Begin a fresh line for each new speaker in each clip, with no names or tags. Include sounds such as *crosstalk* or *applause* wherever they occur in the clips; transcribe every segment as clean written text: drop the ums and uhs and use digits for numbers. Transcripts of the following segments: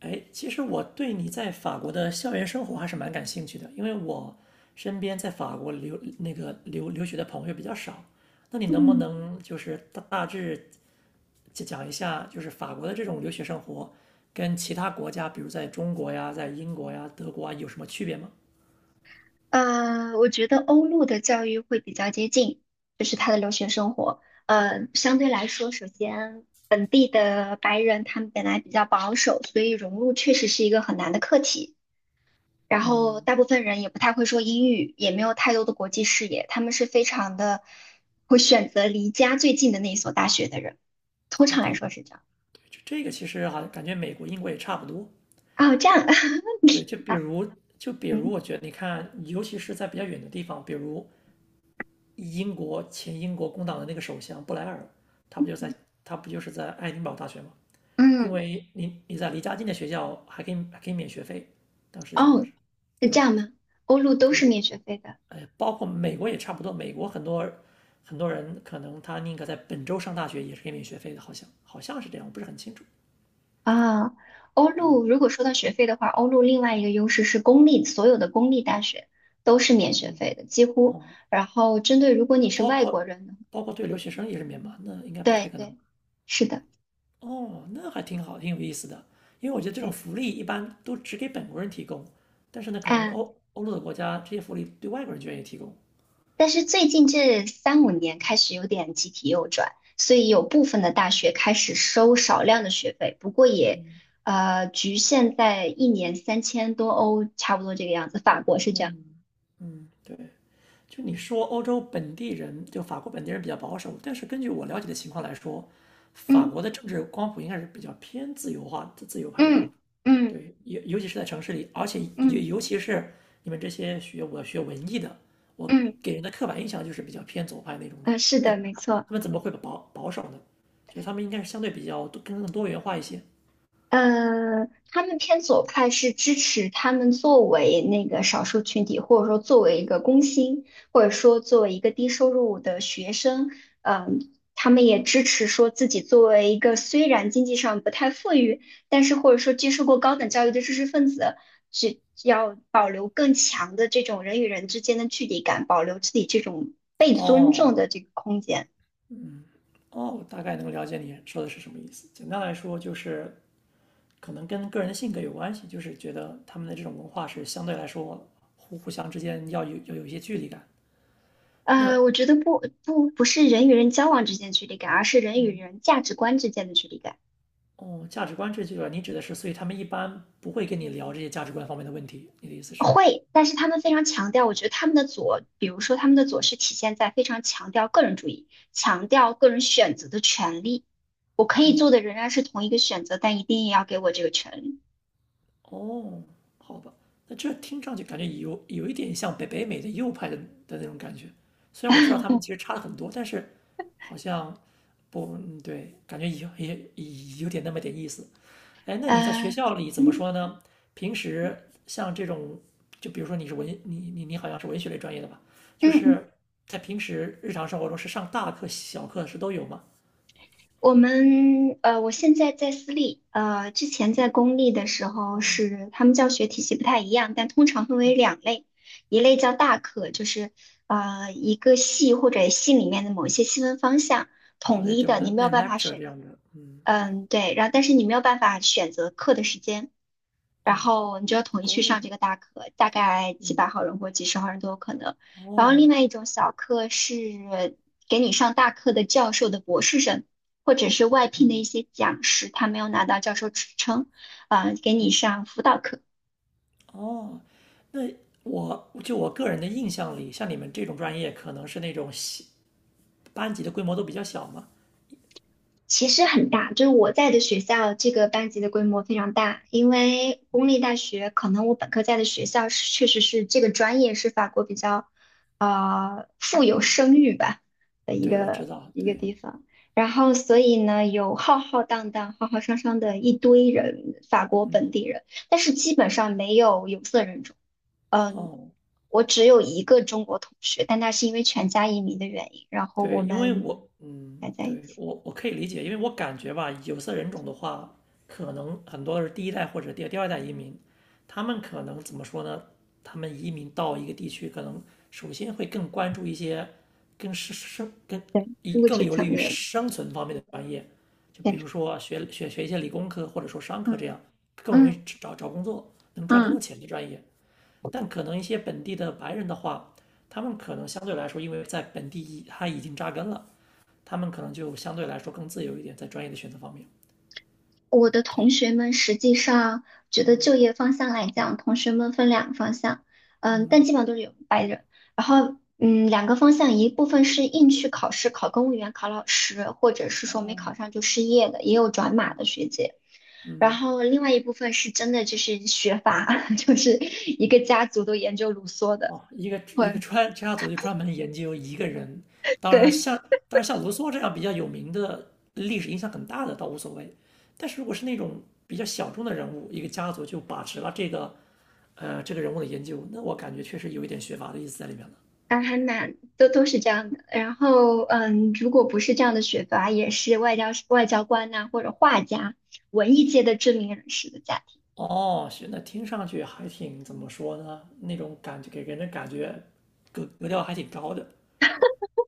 哎，其实我对你在法国的校园生活还是蛮感兴趣的，因为我身边在法国留留学的朋友比较少。那你能不
嗯，
能就是大致讲一下，就是法国的这种留学生活跟其他国家，比如在中国呀、在英国呀、德国啊，有什么区别吗？
我觉得欧陆的教育会比较接近，就是他的留学生活。相对来说，首先本地的白人他们本来比较保守，所以融入确实是一个很难的课题。然后大部分人也不太会说英语，也没有太多的国际视野，他们是非常的会选择离家最近的那一所大学的人，通
哦，
常来
对，
说是这样。
就这个其实好像感觉美国、英国也差不多。
哦，这样，
对，就
*laughs*
比
啊，
如就比如，我觉得你看，尤其是在比较远的地方，比如英国前英国工党的那个首相布莱尔，他不就在他不就是在爱丁堡大学吗？因
嗯，
为你在离家近的学校还可以免学费，当时想法
哦，
是，
是这
对，
样吗？欧陆都是
对，
免学费的。
哎，包括美国也差不多，美国很多人可能他宁可在本州上大学也是可以免学费的，好像好像是这样，我不是很清楚。
啊，欧
嗯。
陆如果说到学费的话，欧陆另外一个优势是公立，所有的公立大学都是免学
嗯。
费的，几乎。
哦，
然后针对如果你是
包
外国
括
人呢。
包括对留学生也是免嘛，那应该不
对
太可能。
对，是的，
哦，那还挺好，挺有意思的。因为我觉得这种
对
福利一般都只给本国人提供，但是呢，可能
啊。
欧陆的国家这些福利对外国人就愿意提供。
但是最近这三五年开始有点集体右转，所以有部分的大学开始收少量的学费，不过也
嗯。
局限在一年3000多欧，差不多这个样子。法国是这样。
嗯。嗯，对。就你说欧洲本地人，就法国本地人比较保守，但是根据我了解的情况来说，法
嗯
国的政治光谱应该是比较偏自由化、自由派的吧？
嗯嗯
对，尤其是在城市里，而且尤
嗯
尤其是你们这些我学文艺的，我
嗯。
给人的刻板印象就是比较偏左派那种的。
是
那
的，没错。
他们怎么会保守呢？就得他们应该是相对比较多更多元化一些。
他们偏左派是支持他们作为那个少数群体，或者说作为一个工薪，或者说作为一个低收入的学生，他们也支持说自己作为一个虽然经济上不太富裕，但是或者说接受过高等教育的知识分子，只要保留更强的这种人与人之间的距离感，保留自己这种被尊重
哦。
的这个空间。
哦，大概能够了解你说的是什么意思。简单来说，就是可能跟个人的性格有关系，就是觉得他们的这种文化是相对来说互相之间要有一些距离感。那
我觉得不是人与人交往之间的距离感，而是人与
嗯。
人价值观之间的距离感。
哦，价值观这句啊，你指的是，所以他们一般不会跟你聊这些价值观方面的问题，你的意思是？
会，但是他们非常强调，我觉得他们的左，比如说他们的左是体现在非常强调个人主义，强调个人选择的权利。我可以做的仍然是同一个选择，但一定也要给我这个权利。
哦，好吧，那这听上去感觉有一点像北美的右派的的那种感觉，虽然我知道他们
*laughs*
其实差了很多，但是好像不，嗯对，感觉有也也有点那么点意思。哎，那你在学
呃，
校里怎么
嗯
说呢？平时像这种，就比如说你是文，你好像是文学类专业的吧？
嗯
就是
嗯。
在平时日常生活中是上大课、小课是都有吗？
我现在在私立，之前在公立的时候
哦。
是他们教学体系不太一样，但通常分为两类，一类叫大课，就是一个系或者系里面的某一些细分方向
哦，
统
对
一
对，我
的，你
们
没有
那种
办法
lecture 这
选，
样的，嗯。
嗯，对，然后但是你没有办法选择课的时间，然
哦，
后你就要统一去
公
上
立。
这个大课，大概几
嗯。
百号人或几十号人都有可能。然后
哦。
另外一种小课是给你上大课的教授的博士生，或者是外聘的一
嗯。
些讲师，他没有拿到教授职称，给你上辅导课。
哦，那我个人的印象里，像你们这种专业，可能是那种小班级的规模都比较小嘛。
其实很大，就是我在的学校这个班级的规模非常大，因为公立大学可能我本科在的学校是确实是这个专业是法国比较富有声誉吧的一
对，我知
个
道，
一个
对。
地方，然后所以呢有浩浩荡荡、浩浩汤汤的一堆人，法国本
嗯。
地人，但是基本上没有有色人种，嗯。
哦，
我只有一个中国同学，但他是因为全家移民的原因，然后
对，
我
因为
们
我，嗯，
还在一
对，
起。
我可以理解，因为我感觉吧，有色人种的话，可能很多是第一代或者第二代移民，他们可能怎么说呢？他们移民到一个地区，可能首先会更关注一些更是生更
对，
以
物
更
质
有利
层
于
面，
生存方面的专业，就比
变成。
如说学一些理工科或者说商科这
嗯
样，更容易
嗯
找工作能赚更
嗯。
多钱的专业。但可能一些本地的白人的话，他们可能相对来说，因为在本地他已经扎根了，他们可能就相对来说更自由一点，在专业的选择方面。
我的同
对。
学们实际上觉得就业方向来讲，同学们分两个方向，嗯，但
嗯。
基本上都是有白人。然后，两个方向，一部分是硬去考试，考公务员、考老师，或者是说没
哦。
考上就失业的，也有转码的学姐。然
嗯。
后另外一部分是真的就是学法，*laughs* 就是一个家族都研究卢梭的，
哦，一个一个
会，
专家族就专门研究一个人，当然
对。
像当然像卢梭这样比较有名的历史影响很大的倒无所谓，但是如果是那种比较小众的人物，一个家族就把持了这个这个人物的研究，那我感觉确实有一点学阀的意思在里面了。
啊，还蛮都是这样的。然后，如果不是这样的学阀，也是外交官呐、或者画家、文艺界的知名人士的家庭。
哦，是，那听上去还挺怎么说呢？那种感觉给人的感觉格调还挺高的，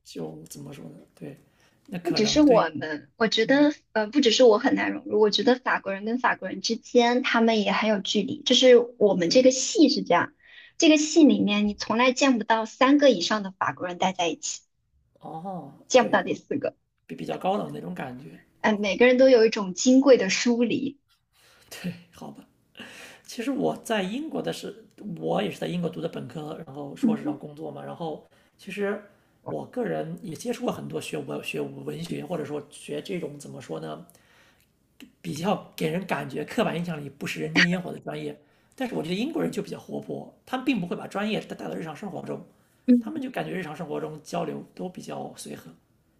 就怎么说呢？对，那
不
可
只是
能对。
我们，我觉
嗯，
得，不只是我很难融入，我觉得法国人跟法国人之间，他们也很有距离。就是我们这个
对。
系是这样，这个系里面你从来见不到三个以上的法国人待在一起，
哦，
见不
对，
到第四个。
比较高冷那种感觉，
嗯、每个人都有一种金贵的疏离。
对，好吧。其实我在英国的是，我也是在英国读的本科，然后硕士，然后
嗯
工作嘛。然后其实我个人也接触过很多学文学或者说学这种怎么说呢，比较给人感觉刻板印象里不食人间烟火的专业。但是我觉得英国人就比较活泼，他们并不会把专业带到日常生活中，
嗯
他们就感觉日常生活中交流都比较随和，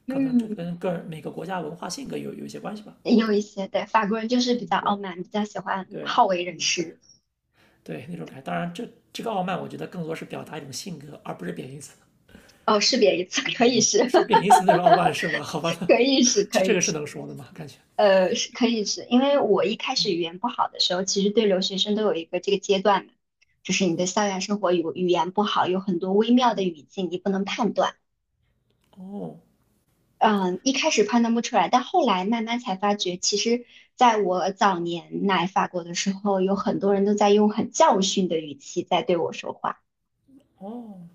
可能这
嗯。
跟个人每个国家文化性格有一些关系吧。
也有一些，对，法国人就是比较傲
对
慢，比较喜欢
对
好为人师。
对，那种感觉当然这，这个傲慢，我觉得更多是表达一种性格，而不是贬义词。
哦，识别一次，可以是，
是贬
*laughs*
义词那种傲慢是吧？好吧，那
可以是，
*laughs* 这
可
这
以
个是
是，
能说的吗？感觉
是可以是，因为我一开始语言不好的时候，其实对留学生都有一个这个阶段嘛，就是你的校园生活语言不好，有很多微妙的语境你不能判断。
哦。
嗯，一开始判断不出来，但后来慢慢才发觉，其实在我早年来法国的时候，有很多人都在用很教训的语气在对我说话。
哦，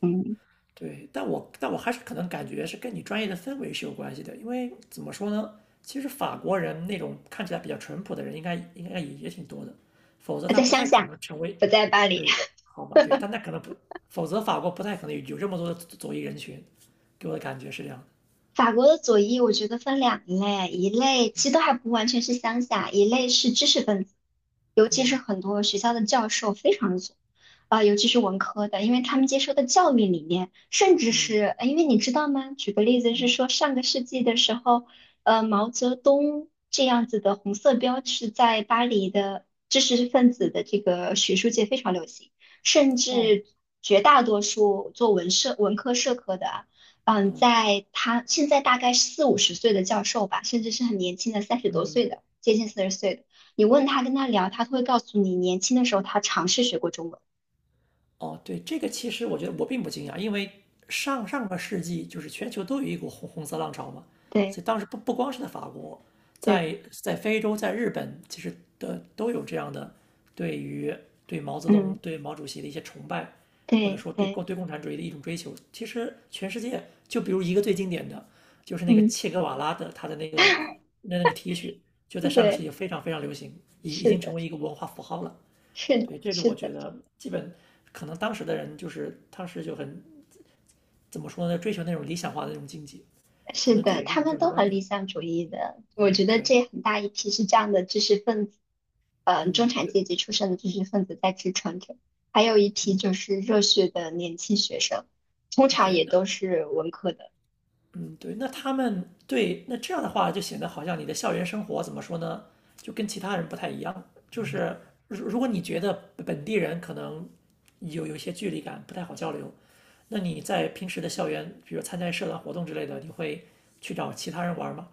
嗯，
对，但我还是可能感觉是跟你专业的氛围是有关系的，因为怎么说呢，其实法国人那种看起来比较淳朴的人应该应该也也挺多的，否则
我
他
在
不
乡
太可
下，
能成为，
不在巴黎。
对，好吧，对，但他可能不，否则法国不太可能有这么多的左翼人群，给我的感觉是这样的。
法国的左翼，我觉得分两类，一类其实都还不完全是乡下，一类是知识分子，尤其是
嗯。
很多学校的教授非常左，尤其是文科的，因为他们接受的教育理念，甚至
嗯。
是，因为你知道吗？举个例子是
嗯。
说，上个世纪的时候，毛泽东这样子的红色标志在巴黎的知识分子的这个学术界非常流行，甚
哦。
至绝大多数做文社、文科、社科的啊。
嗯。
在他现在大概四五十岁的教授吧，甚至是很年轻的三十多
嗯。
岁的，接近40岁的，你问他跟他聊，他都会告诉你，年轻的时候他尝试学过中文。
哦，对，这个其实我觉得我并不惊讶，因为上个世纪就是全球都有一股红色浪潮嘛，所
对
以当时不光是在法国，
对，
在非洲在日本，其实的都有这样的对于对毛泽东、
嗯，
对毛主席的一些崇拜，或者
对
说对
对，
共对共产主义的一种追求。其实全世界，就比如一个最经典的，就是那个
嗯，
切格瓦拉的他的那个那个 T 恤，就在上个世
对，
纪非常非常流行，已已
是
经成
的，
为一个文化符号了。
是的，
对，这个
是
我觉
的。
得基本可能当时的人就是他是就很怎么说呢，追求那种理想化的那种境界，可
是
能这
的，
也是一
他
种
们
政治
都
观
很
点。
理想主义的。我
嗯，
觉得
对。
这很大一批是这样的知识分子，中
嗯，
产
对。
阶级出身的知识分子在支撑着，还有一批就是热血的年轻学生，通常
对，
也
那
都是文科的。
嗯对，那他们对那这样的话就显得好像你的校园生活怎么说呢，就跟其他人不太一样。就是如果你觉得本地人可能有一些距离感，不太好交流，那你在平时的校园，比如参加社团活动之类的，你会去找其他人玩吗？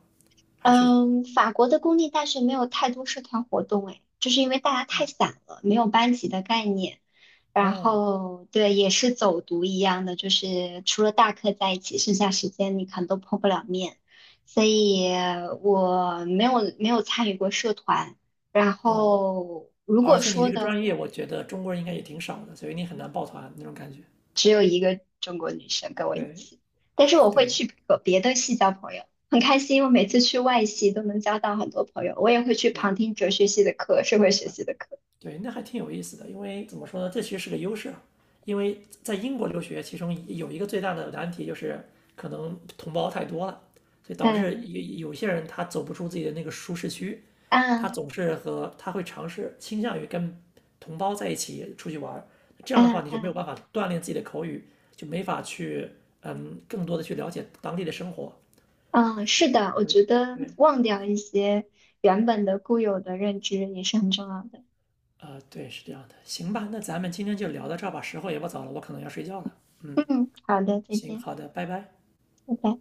还是去？
嗯，法国的公立大学没有太多社团活动，哎，就是因为大家太散了，没有班级的概念。然
哦。
后对，也是走读一样的，就是除了大课在一起，剩下时间你可能都碰不了面，所以我没有参与过社团。然
哦，
后如
而
果
且你
说
这个
的，
专业，我觉得中国人应该也挺少的，所以你很难抱团那种感觉。
只有一个中国女生跟我一
对。
起，但是我会
对。
去和别的系交朋友，很开心。我每次去外系都能交到很多朋友，我也会去
对。
旁听哲学系的课、社会学系的课。
对，那还挺有意思的，因为怎么说呢，这其实是个优势啊，因为在英国留学，其中有一个最大的难题就是可能同胞太多了，所以导致
嗯
有些人他走不出自己的那个舒适区，他
嗯
总是和他会尝试倾向于跟同胞在一起出去玩儿。这样的话，
嗯
你就没有办
嗯。
法锻炼自己的口语，就没法去嗯更多的去了解当地的生活。
嗯，是的，我
对。
觉得
对。
忘掉一些原本的固有的认知也是很重要的。
啊，对，是这样的。行吧，那咱们今天就聊到这儿吧，时候也不早了，我可能要睡觉了。嗯，
嗯，好的，再
行，
见，
好的，拜拜。
拜拜。